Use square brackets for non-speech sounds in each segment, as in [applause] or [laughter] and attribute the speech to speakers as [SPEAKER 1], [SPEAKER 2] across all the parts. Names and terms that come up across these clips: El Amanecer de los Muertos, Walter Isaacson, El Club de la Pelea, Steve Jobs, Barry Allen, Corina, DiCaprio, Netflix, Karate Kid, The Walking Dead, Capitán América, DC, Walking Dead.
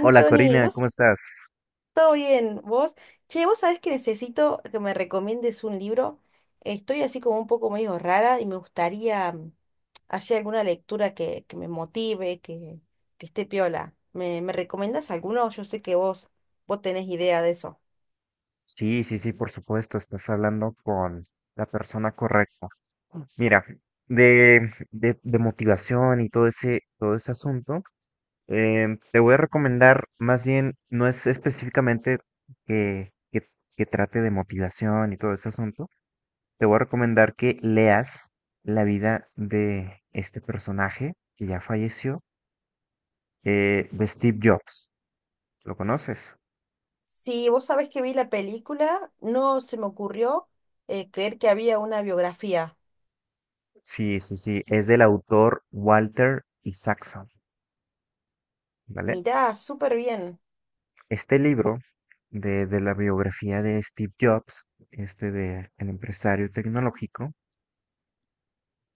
[SPEAKER 1] Hola Corina,
[SPEAKER 2] vos,
[SPEAKER 1] ¿cómo estás?
[SPEAKER 2] todo bien, vos. Che, vos sabés que necesito que me recomiendes un libro. Estoy así como un poco medio rara y me gustaría hacer alguna lectura que me motive, que esté piola. ¿Me recomendás alguno? Yo sé que vos tenés idea de eso.
[SPEAKER 1] Sí, sí, sí, por supuesto, estás hablando con la persona correcta. Mira, de motivación y todo ese asunto, te voy a recomendar, más bien, no es específicamente que, que, que trate de motivación y todo ese asunto, te voy a recomendar que leas la vida de este personaje que ya falleció, de Steve Jobs. ¿Lo conoces?
[SPEAKER 2] Sí, vos sabés que vi la película, no se me ocurrió creer que había una biografía.
[SPEAKER 1] Sí, sí, sí, es del autor Walter Isaacson, ¿vale?
[SPEAKER 2] Mirá, súper bien.
[SPEAKER 1] Este libro de la biografía de Steve Jobs, este de el empresario tecnológico,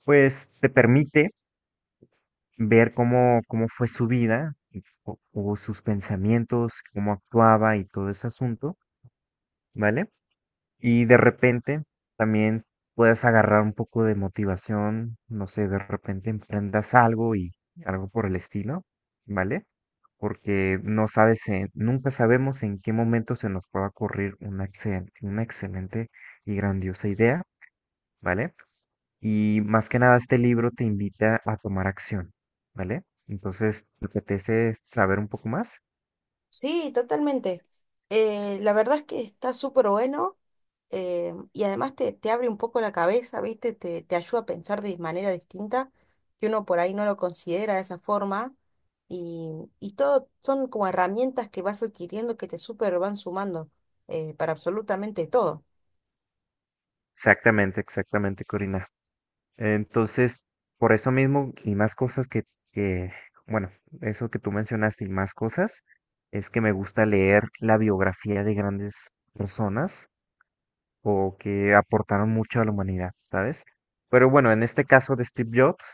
[SPEAKER 1] pues te permite ver cómo fue su vida, y o sus pensamientos, cómo actuaba y todo ese asunto, ¿vale? Y de repente también puedes agarrar un poco de motivación, no sé, de repente emprendas algo y algo por el estilo, ¿vale? Porque no sabes, nunca sabemos en qué momento se nos pueda ocurrir una, una excelente y grandiosa idea, ¿vale? Y más que nada este libro te invita a tomar acción, ¿vale? Entonces, ¿te apetece saber un poco más?
[SPEAKER 2] Sí, totalmente. La verdad es que está súper bueno, y además te abre un poco la cabeza, ¿viste? Te ayuda a pensar de manera distinta, que uno por ahí no lo considera de esa forma. Y, y todo son como herramientas que vas adquiriendo que te súper van sumando, para absolutamente todo.
[SPEAKER 1] Exactamente, exactamente, Corina. Entonces, por eso mismo y más cosas que, bueno, eso que tú mencionaste y más cosas, es que me gusta leer la biografía de grandes personas o que aportaron mucho a la humanidad, ¿sabes? Pero bueno, en este caso de Steve Jobs,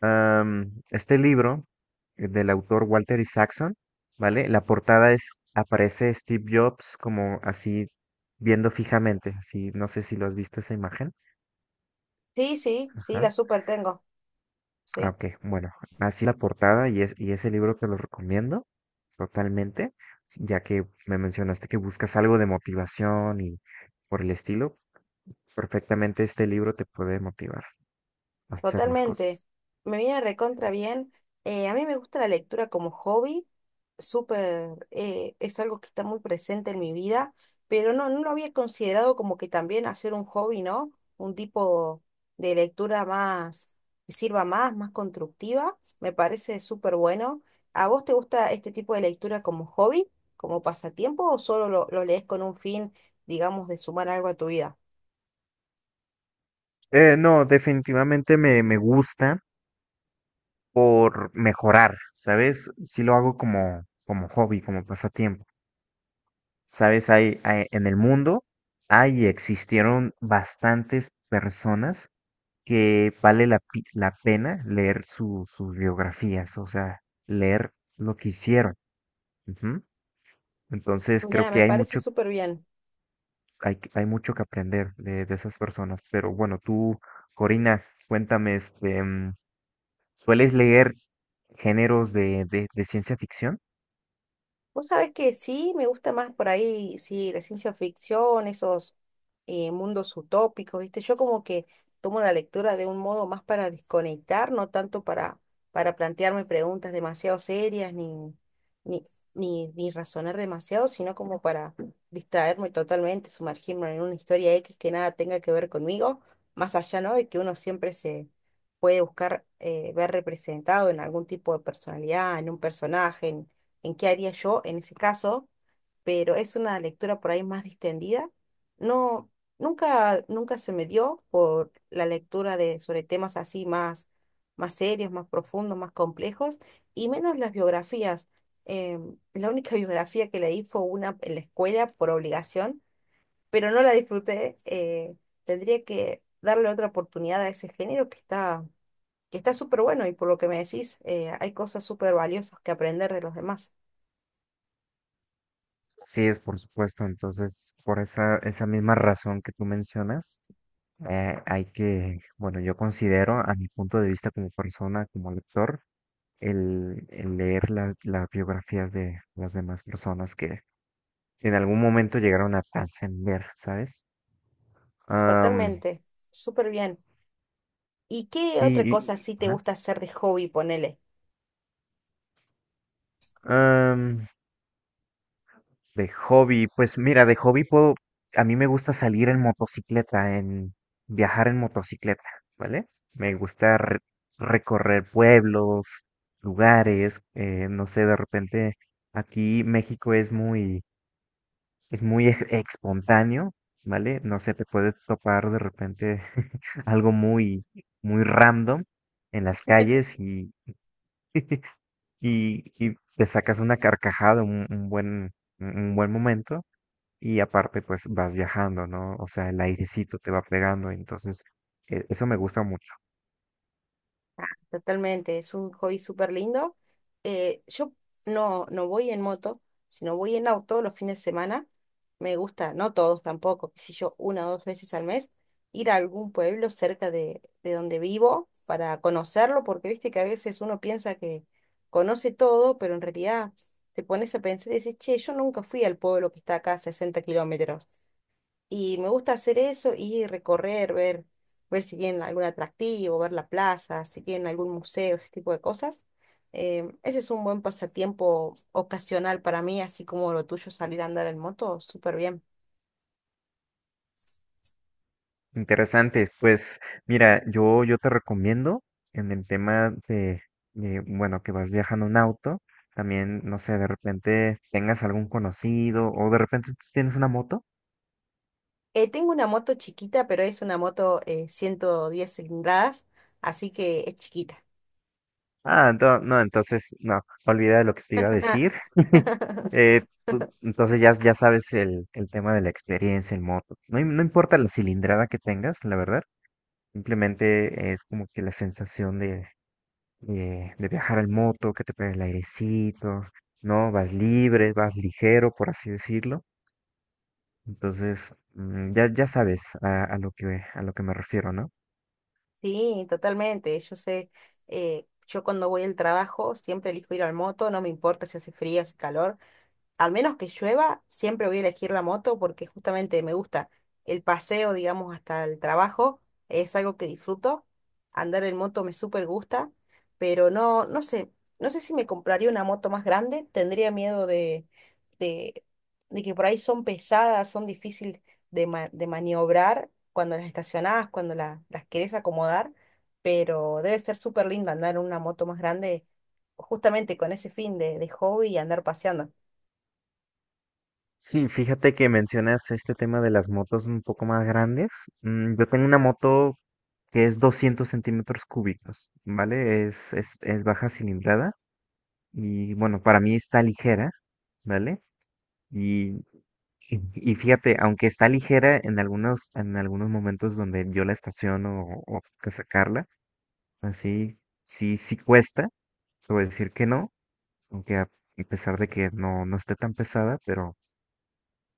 [SPEAKER 1] este libro del autor Walter Isaacson, ¿vale? La portada es, aparece Steve Jobs como así viendo fijamente, así, no sé si lo has visto esa imagen,
[SPEAKER 2] Sí, sí, sí, la
[SPEAKER 1] ajá.
[SPEAKER 2] súper tengo.
[SPEAKER 1] Ah,
[SPEAKER 2] Sí.
[SPEAKER 1] ok. Bueno, así la portada y, es, y ese libro te lo recomiendo totalmente, ya que me mencionaste que buscas algo de motivación y por el estilo, perfectamente este libro te puede motivar a hacer más
[SPEAKER 2] Totalmente.
[SPEAKER 1] cosas.
[SPEAKER 2] Me viene recontra bien. A mí me gusta la lectura como hobby. Súper, es algo que está muy presente en mi vida, pero no lo había considerado como que también hacer un hobby, ¿no? Un tipo de lectura más, que sirva más constructiva. Me parece súper bueno. ¿A vos te gusta este tipo de lectura como hobby, como pasatiempo, o solo lo lees con un fin, digamos, de sumar algo a tu vida?
[SPEAKER 1] No, definitivamente me gusta por mejorar, ¿sabes? Si lo hago como, como hobby, como pasatiempo. ¿Sabes? En el mundo hay y existieron bastantes personas que vale la pena leer sus biografías, o sea, leer lo que hicieron. Ujú. Entonces, creo
[SPEAKER 2] Ya, me
[SPEAKER 1] que hay
[SPEAKER 2] parece
[SPEAKER 1] mucho,
[SPEAKER 2] súper bien.
[SPEAKER 1] hay mucho que aprender de esas personas. Pero bueno, tú, Corina, cuéntame, este, ¿sueles leer géneros de ciencia ficción?
[SPEAKER 2] Vos sabés que sí, me gusta más por ahí, sí, la ciencia ficción, esos mundos utópicos, ¿viste? Yo como que tomo la lectura de un modo más para desconectar, no tanto para plantearme preguntas demasiado serias ni, ni razonar demasiado, sino como para distraerme totalmente, sumergirme en una historia X que nada tenga que ver conmigo, más allá, ¿no? De que uno siempre se puede buscar, ver representado en algún tipo de personalidad, en un personaje, en qué haría yo en ese caso, pero es una lectura por ahí más distendida. No, nunca se me dio por la lectura de sobre temas así más serios, más profundos, más complejos, y menos las biografías. La única [laughs] biografía que leí fue una en la escuela por obligación, pero no la disfruté. Tendría que darle otra oportunidad a ese género que está súper bueno y por lo que me decís, hay cosas súper valiosas que aprender de los demás.
[SPEAKER 1] Sí, es por supuesto. Entonces, por esa, esa misma razón que tú mencionas, hay que, bueno, yo considero a mi punto de vista como persona, como lector, el leer las biografías de las demás personas que en algún momento llegaron a trascender, ¿sabes? Am,
[SPEAKER 2] Totalmente, súper bien. ¿Y qué
[SPEAKER 1] sí,
[SPEAKER 2] otra cosa
[SPEAKER 1] y-
[SPEAKER 2] sí te
[SPEAKER 1] ajá.
[SPEAKER 2] gusta hacer de hobby, ponele?
[SPEAKER 1] Am, de hobby, pues mira, de hobby puedo, a mí me gusta salir en motocicleta, en viajar en motocicleta, ¿vale? Me gusta recorrer pueblos, lugares, no sé, de repente aquí México es muy es espontáneo, ¿vale? No sé, te puedes topar de repente [laughs] algo muy, muy random en las
[SPEAKER 2] [laughs]
[SPEAKER 1] calles y, [laughs] y te sacas una carcajada, un buen, un buen momento y aparte pues vas viajando, ¿no? O sea, el airecito te va pegando, entonces eso me gusta mucho.
[SPEAKER 2] Totalmente, es un hobby súper lindo. Yo no voy en moto, sino voy en auto los fines de semana. Me gusta, no todos tampoco, qué sé yo, una o dos veces al mes, ir a algún pueblo cerca de donde vivo para conocerlo, porque viste que a veces uno piensa que conoce todo, pero en realidad te pones a pensar y dices, che, yo nunca fui al pueblo que está acá a 60 kilómetros. Y me gusta hacer eso y recorrer, ver si tienen algún atractivo, ver la plaza, si tienen algún museo, ese tipo de cosas. Ese es un buen pasatiempo ocasional para mí, así como lo tuyo, salir a andar en moto, súper bien.
[SPEAKER 1] Interesante, pues mira, yo te recomiendo en el tema de, bueno, que vas viajando en auto, también, no sé, de repente tengas algún conocido o de repente tú tienes una moto.
[SPEAKER 2] Tengo una moto chiquita, pero es una moto, 110 cilindradas, así que es chiquita.
[SPEAKER 1] Ah, no, entonces, no, olvida de lo que te iba a decir.
[SPEAKER 2] [laughs]
[SPEAKER 1] Eh, tú- entonces ya, ya sabes el tema de la experiencia en moto. No, no importa la cilindrada que tengas, la verdad, simplemente es como que la sensación de viajar en moto, que te pega el airecito, ¿no? Vas libre, vas ligero, por así decirlo. Entonces, mm, ya, ya sabes a lo que me refiero, ¿no?
[SPEAKER 2] Sí, totalmente. Yo sé, yo cuando voy al trabajo siempre elijo ir al moto, no me importa si hace frío, si hace calor. Al menos que llueva, siempre voy a elegir la moto porque justamente me gusta el paseo, digamos, hasta el trabajo, es algo que disfruto. Andar en moto me súper gusta, pero no, no sé si me compraría una moto más grande, tendría miedo de, de que por ahí son pesadas, son difíciles de, de maniobrar cuando las estacionás, cuando las querés acomodar, pero debe ser súper lindo andar en una moto más grande. Justamente con ese fin de hobby y andar paseando.
[SPEAKER 1] Sí, fíjate que mencionas este tema de las motos un poco más grandes. Mm, yo tengo una moto que es 200 cc, ¿vale? Es baja cilindrada y bueno, para mí está ligera, ¿vale? Y y, y fíjate, aunque está ligera en algunos momentos donde yo la estaciono o que sacarla, así sí, sí cuesta, te voy a decir que no, aunque a pesar de que no, no esté tan pesada,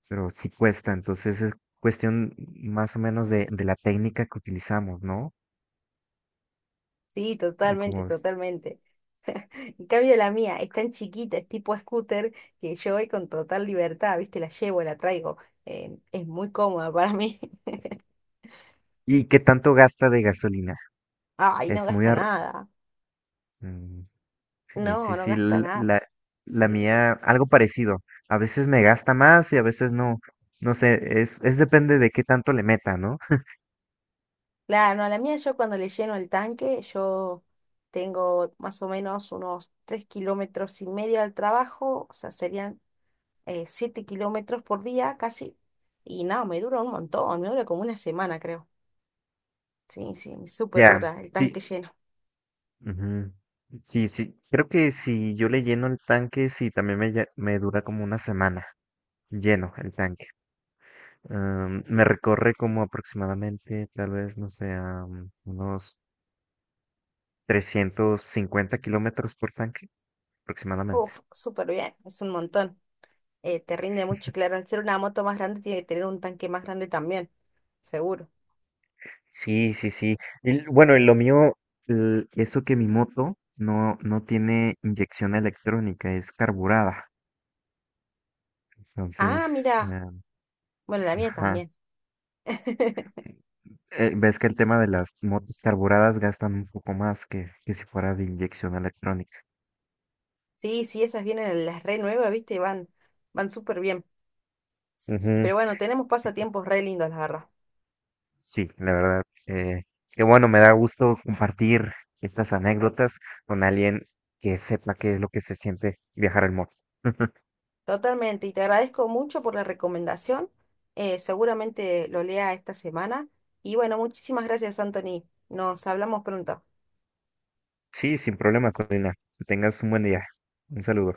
[SPEAKER 1] pero sí cuesta. Entonces es cuestión más o menos de la técnica que utilizamos, ¿no?
[SPEAKER 2] Sí,
[SPEAKER 1] Y
[SPEAKER 2] totalmente,
[SPEAKER 1] como,
[SPEAKER 2] totalmente. En cambio la mía es tan chiquita, es tipo scooter, que yo voy con total libertad, ¿viste? La llevo, la traigo. Es muy cómoda para mí.
[SPEAKER 1] y qué tanto gasta de gasolina.
[SPEAKER 2] [laughs] Ay, no
[SPEAKER 1] Es
[SPEAKER 2] gasta nada.
[SPEAKER 1] sí, sí,
[SPEAKER 2] No, no
[SPEAKER 1] sí,
[SPEAKER 2] gasta nada.
[SPEAKER 1] la
[SPEAKER 2] Sí.
[SPEAKER 1] mía, algo parecido. A veces me gasta más y a veces no. No sé, es depende de qué tanto le meta, ¿no?
[SPEAKER 2] Claro, no, la mía yo cuando le lleno el tanque, yo tengo más o menos unos 3 kilómetros y medio al trabajo, o sea, serían, 7 kilómetros por día casi. Y no, me dura un montón, me dura como una semana, creo. Sí, sí, súper
[SPEAKER 1] Ya,
[SPEAKER 2] dura el tanque
[SPEAKER 1] sí.
[SPEAKER 2] lleno.
[SPEAKER 1] Ujú. Sí, sí. Creo que si yo le lleno el tanque, sí, también me dura como una semana lleno el tanque. Am, me recorre como aproximadamente, tal vez, no sé, am, unos 350 km por tanque, aproximadamente.
[SPEAKER 2] Uf, súper bien, es un montón. Te rinde mucho, claro. Al ser una moto más grande, tiene que tener un tanque más grande también, seguro.
[SPEAKER 1] Sí, sí, sí. Y bueno, y lo mío, eso que mi moto no, no tiene inyección electrónica, es carburada.
[SPEAKER 2] Ah,
[SPEAKER 1] Entonces,
[SPEAKER 2] mira, bueno, la mía
[SPEAKER 1] ajá.
[SPEAKER 2] también. [laughs]
[SPEAKER 1] Ves que el tema de las motos carburadas gastan un poco más que si fuera de inyección electrónica.
[SPEAKER 2] Sí, sí, esas vienen las re nuevas, viste, van súper bien.
[SPEAKER 1] Ujú.
[SPEAKER 2] Pero bueno, tenemos
[SPEAKER 1] Sí,
[SPEAKER 2] pasatiempos re lindos, la verdad.
[SPEAKER 1] sí, la verdad. Que bueno, me da gusto compartir estas anécdotas con alguien que sepa qué es lo que se siente viajar en moto. [laughs]
[SPEAKER 2] Totalmente, y te agradezco mucho por la recomendación. Seguramente lo lea esta semana. Y bueno, muchísimas gracias, Anthony. Nos hablamos pronto.
[SPEAKER 1] Sí, sin problema, Corina. Que tengas un buen día. Un saludo.